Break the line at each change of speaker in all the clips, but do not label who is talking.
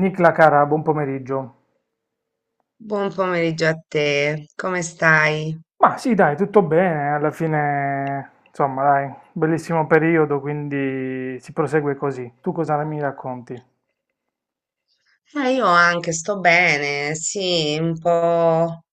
Nicla cara, buon pomeriggio.
Buon pomeriggio a te, come stai?
Ma sì, dai, tutto bene, alla fine, insomma, dai, bellissimo periodo, quindi si prosegue così. Tu cosa mi racconti?
Ah, io anche sto bene, sì, un po'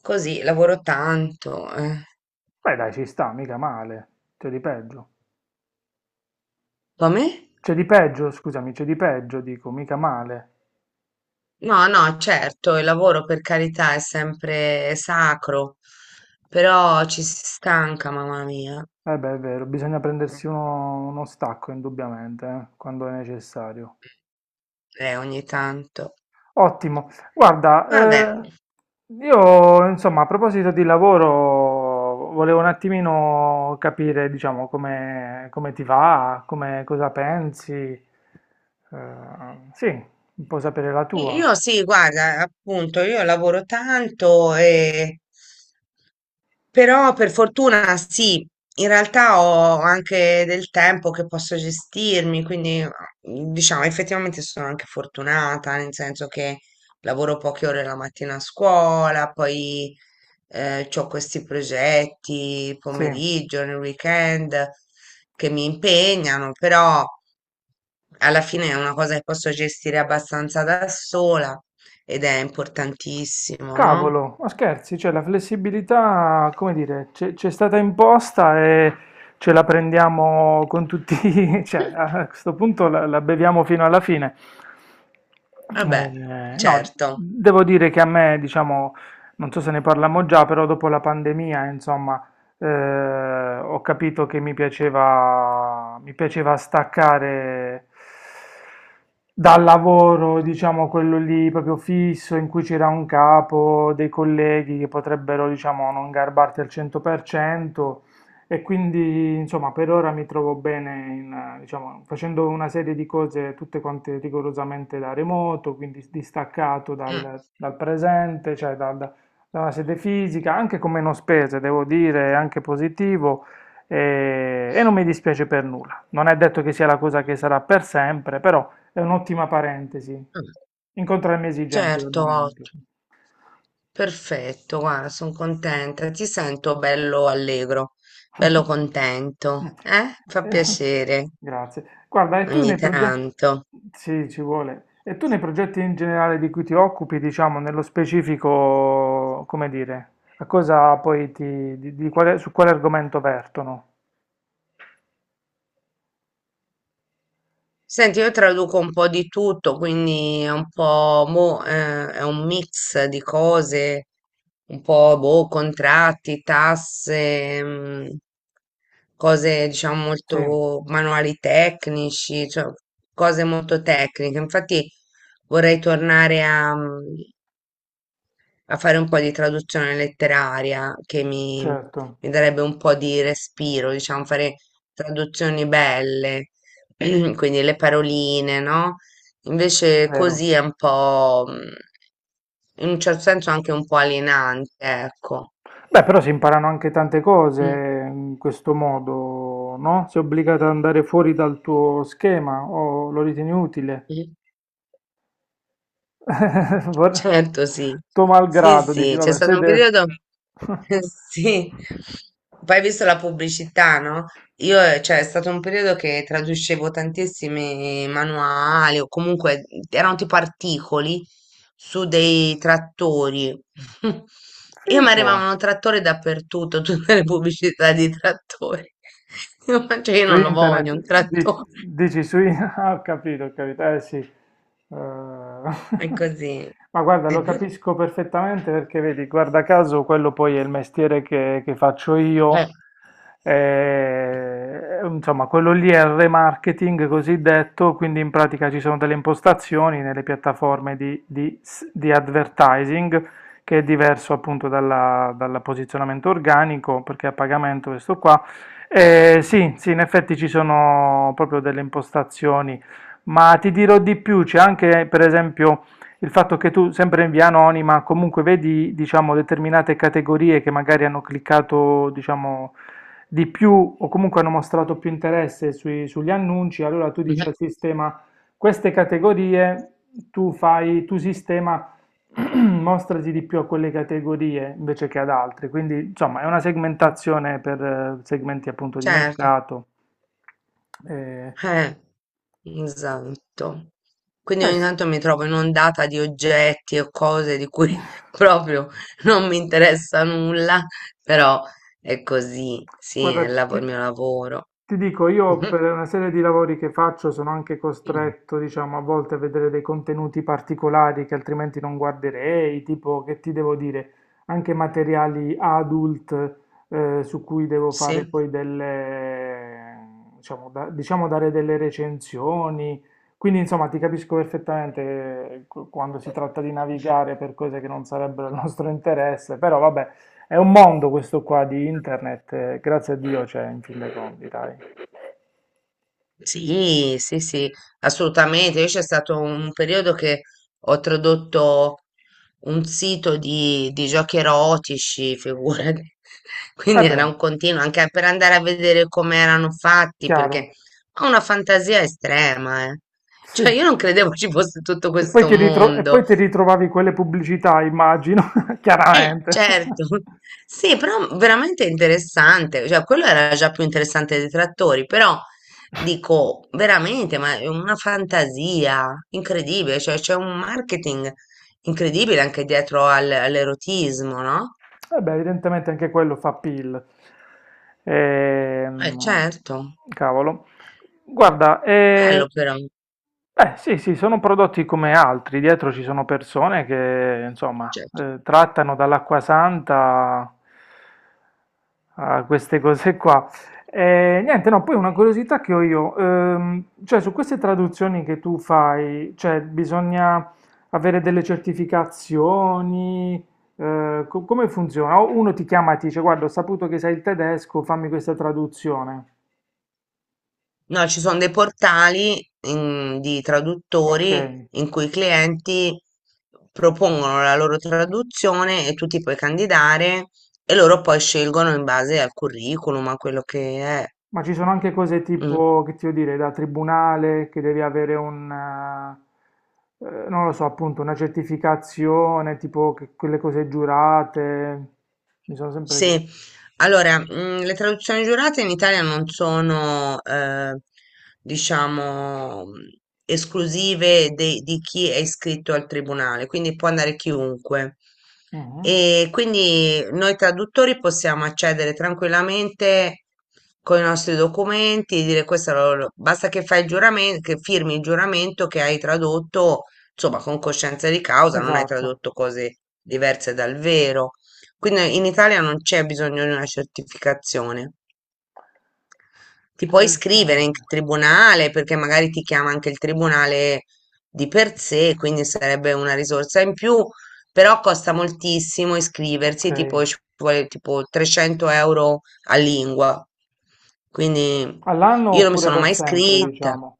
così, lavoro tanto.
Beh, dai, ci sta, mica male. C'è di peggio.
Come?
C'è di peggio, scusami, c'è di peggio, dico, mica male.
No, no, certo, il lavoro per carità è sempre sacro, però ci si stanca, mamma mia,
Eh beh, è vero, bisogna prendersi uno stacco, indubbiamente, quando è necessario.
ogni tanto.
Ottimo.
Vabbè,
Guarda, io insomma a proposito di lavoro volevo un attimino capire, diciamo, come ti va, come, cosa pensi. Sì, un po' sapere la tua.
io sì, guarda, appunto, io lavoro tanto. Però per fortuna sì, in realtà ho anche del tempo che posso gestirmi, quindi diciamo effettivamente sono anche fortunata, nel senso che lavoro poche ore la mattina a scuola, poi ho questi progetti
Sì.
pomeriggio, nel weekend che mi impegnano, però alla fine è una cosa che posso gestire abbastanza da sola ed è importantissimo, no?
Cavolo, ma scherzi, cioè la flessibilità, come dire, c'è stata imposta e ce la prendiamo con tutti, cioè a questo punto la beviamo fino alla fine.
Vabbè,
No,
certo.
devo dire che a me, diciamo, non so se ne parliamo già, però dopo la pandemia, insomma, ho capito che mi piaceva staccare dal lavoro, diciamo quello lì proprio fisso, in cui c'era un capo, dei colleghi che potrebbero, diciamo, non garbarti al 100%. E quindi, insomma, per ora mi trovo bene, diciamo, facendo una serie di cose tutte quante rigorosamente da remoto, quindi distaccato
Mm.
dal presente, cioè dal la sede fisica, anche con meno spese, devo dire, è anche positivo e non mi dispiace per nulla. Non è detto che sia la cosa che sarà per sempre, però è un'ottima parentesi.
Ah,
Incontra le mie esigenze del
certo,
momento.
ottimo. Perfetto, guarda, sono contenta. Ti sento bello allegro, bello contento. Eh? Fa
Eh,
piacere
grazie. Guarda, e tu
ogni
nei progetti...
tanto.
Sì, ci vuole. E tu nei progetti in generale di cui ti occupi, diciamo, nello specifico, come dire, a cosa poi ti... di quale- su quale argomento vertono?
Senti, io traduco un po' di tutto, quindi è un po' è un mix di cose, un po' boh, contratti, tasse, cose diciamo
Sì.
molto manuali tecnici, cioè cose molto tecniche. Infatti vorrei tornare a fare un po' di traduzione letteraria che mi,
Certo,
mi darebbe un po' di respiro, diciamo, fare traduzioni belle, quindi le paroline, no? Invece
vero.
così è un po', in un certo senso anche un po' alienante, ecco.
Beh, però si imparano anche tante cose
Mm.
in questo modo, no? Sei obbligato ad andare fuori dal tuo schema o lo ritieni utile?
Mm.
Vor-
Certo, sì.
Tuo
Sì,
malgrado, dici,
sì, c'è
vabbè,
stato un
siete...
periodo. Sì, poi hai visto la pubblicità, no? Io, cioè, è stato un periodo che traducevo tantissimi manuali o comunque erano tipo articoli su dei trattori. E mi
Fico.
arrivavano trattori dappertutto, tutte le pubblicità di trattori. Io, ma cioè, io
Su
non lo voglio, un
internet,
trattore.
dici su internet, ho capito, eh sì.
È così.
Ma guarda, lo capisco perfettamente perché vedi, guarda caso, quello poi è il mestiere che faccio
Eh,
io. Insomma, quello lì è il remarketing cosiddetto, quindi in pratica ci sono delle impostazioni nelle piattaforme di s- di advertising che è diverso appunto dalla- dal posizionamento organico, perché a pagamento questo qua sì, sì, in effetti ci sono proprio delle impostazioni, ma ti dirò di più, c'è anche per esempio il fatto che tu, sempre in via anonima, comunque vedi, diciamo, determinate categorie che magari hanno cliccato, diciamo, di più o comunque hanno mostrato più interesse sui- sugli annunci, allora tu dici
eh,
al sistema queste categorie, tu fai, tu sistema mostrati di più a quelle categorie invece che ad altre, quindi insomma è una segmentazione per segmenti appunto di
Certo.
mercato. Eh,
Eh, esatto. Quindi
beh,
ogni
s-
tanto mi trovo inondata di oggetti o cose di cui proprio non mi interessa nulla, però è così, sì,
Guarda,
è il mio lavoro.
ti dico, io per una serie di lavori che faccio sono anche costretto, diciamo, a volte a vedere dei contenuti particolari che altrimenti non guarderei, tipo, che ti devo dire, anche materiali adult su cui devo fare
Sì.
poi delle, diciamo, da- diciamo, dare delle recensioni. Quindi, insomma, ti capisco perfettamente qu- quando si tratta di navigare per cose che non sarebbero il nostro interesse, però vabbè. È un mondo questo qua di internet, grazie a Dio c'è in fin dei conti, dai.
Sì, sì, sì, assolutamente. Io c'è stato un periodo che ho tradotto un sito di giochi erotici, figurati. Quindi
Eh
era
beh,
un continuo, anche per andare a vedere come erano fatti, perché
chiaro,
ho una fantasia estrema, eh.
sì.
Cioè, io non credevo ci fosse tutto
E poi
questo
ti ritro- e
mondo.
poi ti ritrovavi quelle pubblicità, immagino, chiaramente.
Certo. Sì, però veramente interessante, cioè quello era già più interessante dei trattori, però dico veramente, ma è una fantasia incredibile, cioè c'è un marketing incredibile anche dietro all'erotismo, no?
Eh beh, evidentemente anche quello fa PIL. Ehm,
Certo,
cavolo. Guarda,
bello però,
beh, sì, sì, sono prodotti come altri. Dietro ci sono persone che, insomma,
cioè,
trattano dall'acqua santa a queste cose qua. E, niente, no, poi una curiosità che ho io, cioè su queste traduzioni che tu fai, cioè bisogna avere delle certificazioni, co- come funziona? O uno ti chiama e ti dice, guarda, ho saputo che sai il tedesco, fammi questa traduzione.
no, ci sono dei portali di
Ok.
traduttori in cui i clienti propongono la loro traduzione e tu ti puoi candidare e loro poi scelgono in base al curriculum, a quello che è.
Ma ci sono anche cose
Mm.
tipo, che ti devo dire, da tribunale, che devi avere non lo so, appunto, una certificazione, tipo che- quelle cose giurate, mi sono sempre chiesto.
Sì, allora, le traduzioni giurate in Italia non sono, diciamo, esclusive di chi è iscritto al tribunale, quindi può andare chiunque.
Mhm.
E quindi noi traduttori possiamo accedere tranquillamente con i nostri documenti, dire questo, basta che fai il giuramento, che firmi il giuramento che hai tradotto, insomma, con coscienza di causa, non hai
Esatto,
tradotto cose diverse dal vero. Quindi in Italia non c'è bisogno di una certificazione. Ti puoi iscrivere in
interessante.
tribunale perché magari ti chiama anche il tribunale di per sé, quindi sarebbe una risorsa in più, però costa moltissimo
Ok.
iscriversi, tipo ci vuole tipo 300 euro a lingua. Quindi
All'anno
io non mi
oppure
sono
per
mai
sempre,
iscritta
diciamo.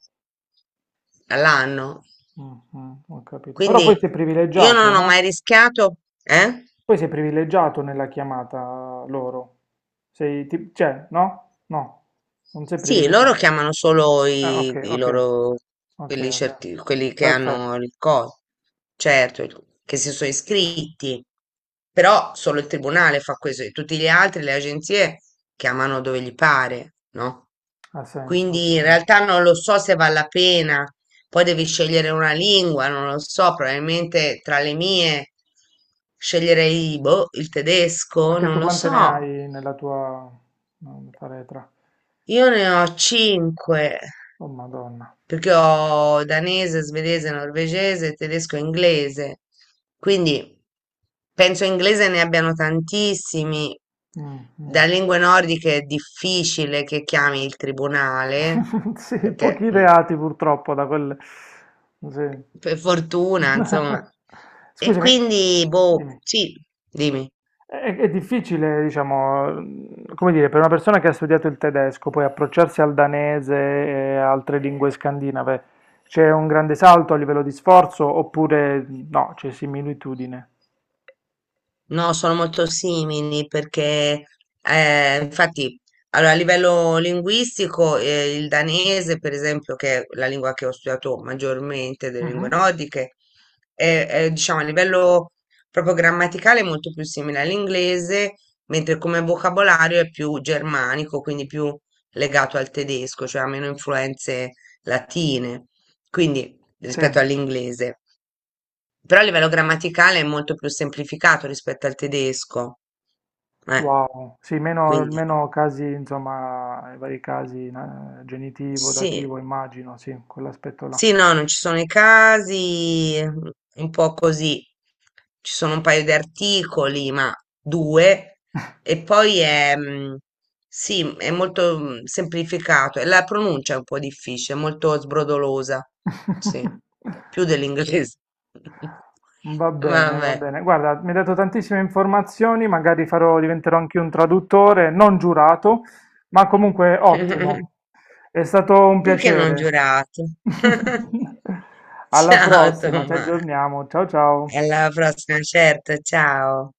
all'anno,
Mhm, ho capito. Però poi sei
quindi io
privilegiato,
non ho mai
no?
rischiato, eh?
Poi sei privilegiato nella chiamata loro. Sei, ti- cioè, no? No, non sei
Sì, loro
privilegiato.
chiamano solo
Ah,
i,
okay,
i
okay.
loro,
Okay,
quelli,
okay.
quelli che
Perfetto,
hanno il coso, certo, che si sono iscritti, però solo il tribunale fa questo, e tutti gli altri, le agenzie, chiamano dove gli pare, no?
ha senso, ha
Quindi in
senso.
realtà non lo so se vale la pena, poi devi scegliere una lingua, non lo so, probabilmente tra le mie sceglierei, boh, il tedesco,
Perché
non
tu
lo
quante ne
so.
hai nella tua no, faretra?
Io ne ho 5,
Oh Madonna.
perché ho danese, svedese, norvegese, tedesco e inglese. Quindi penso inglese ne abbiano tantissimi.
Mm,
Da
mm.
lingue nordiche è difficile che chiami il tribunale,
Sì,
perché
pochi reati purtroppo da quel... Sì.
per fortuna, insomma. E
Scusami,
quindi, boh,
dimmi.
sì, dimmi.
È difficile, diciamo, come dire, per una persona che ha studiato il tedesco, poi approcciarsi al danese e altre lingue scandinave, c'è un grande salto a livello di sforzo oppure no, c'è similitudine?
No, sono molto simili perché, infatti, allora, a livello linguistico, il danese, per esempio, che è la lingua che ho studiato maggiormente delle lingue
Mhm.
nordiche, è, diciamo, a livello proprio grammaticale è molto più simile all'inglese, mentre come vocabolario è più germanico, quindi più legato al tedesco, cioè ha meno influenze latine, quindi
Sì,
rispetto all'inglese. Però a livello grammaticale è molto più semplificato rispetto al tedesco. Eh,
wow, sì,
quindi
meno casi, insomma, i vari casi, na- genitivo,
sì,
dativo, immagino, sì, quell'aspetto là.
sì, no, non ci sono i casi, un po' così. Ci sono un paio di articoli, ma due. E poi è, sì, è molto semplificato. E la pronuncia è un po' difficile, è molto sbrodolosa. Sì, più dell'inglese.
Va bene, va
Vabbè.
bene. Guarda, mi hai dato tantissime informazioni, magari farò, diventerò anche un traduttore, non giurato, ma comunque ottimo. È stato un
Perché non
piacere.
giurato?
Alla
Ciao
prossima, ci
Tommaso,
aggiorniamo. Ciao ciao.
alla prossima, certo, ciao.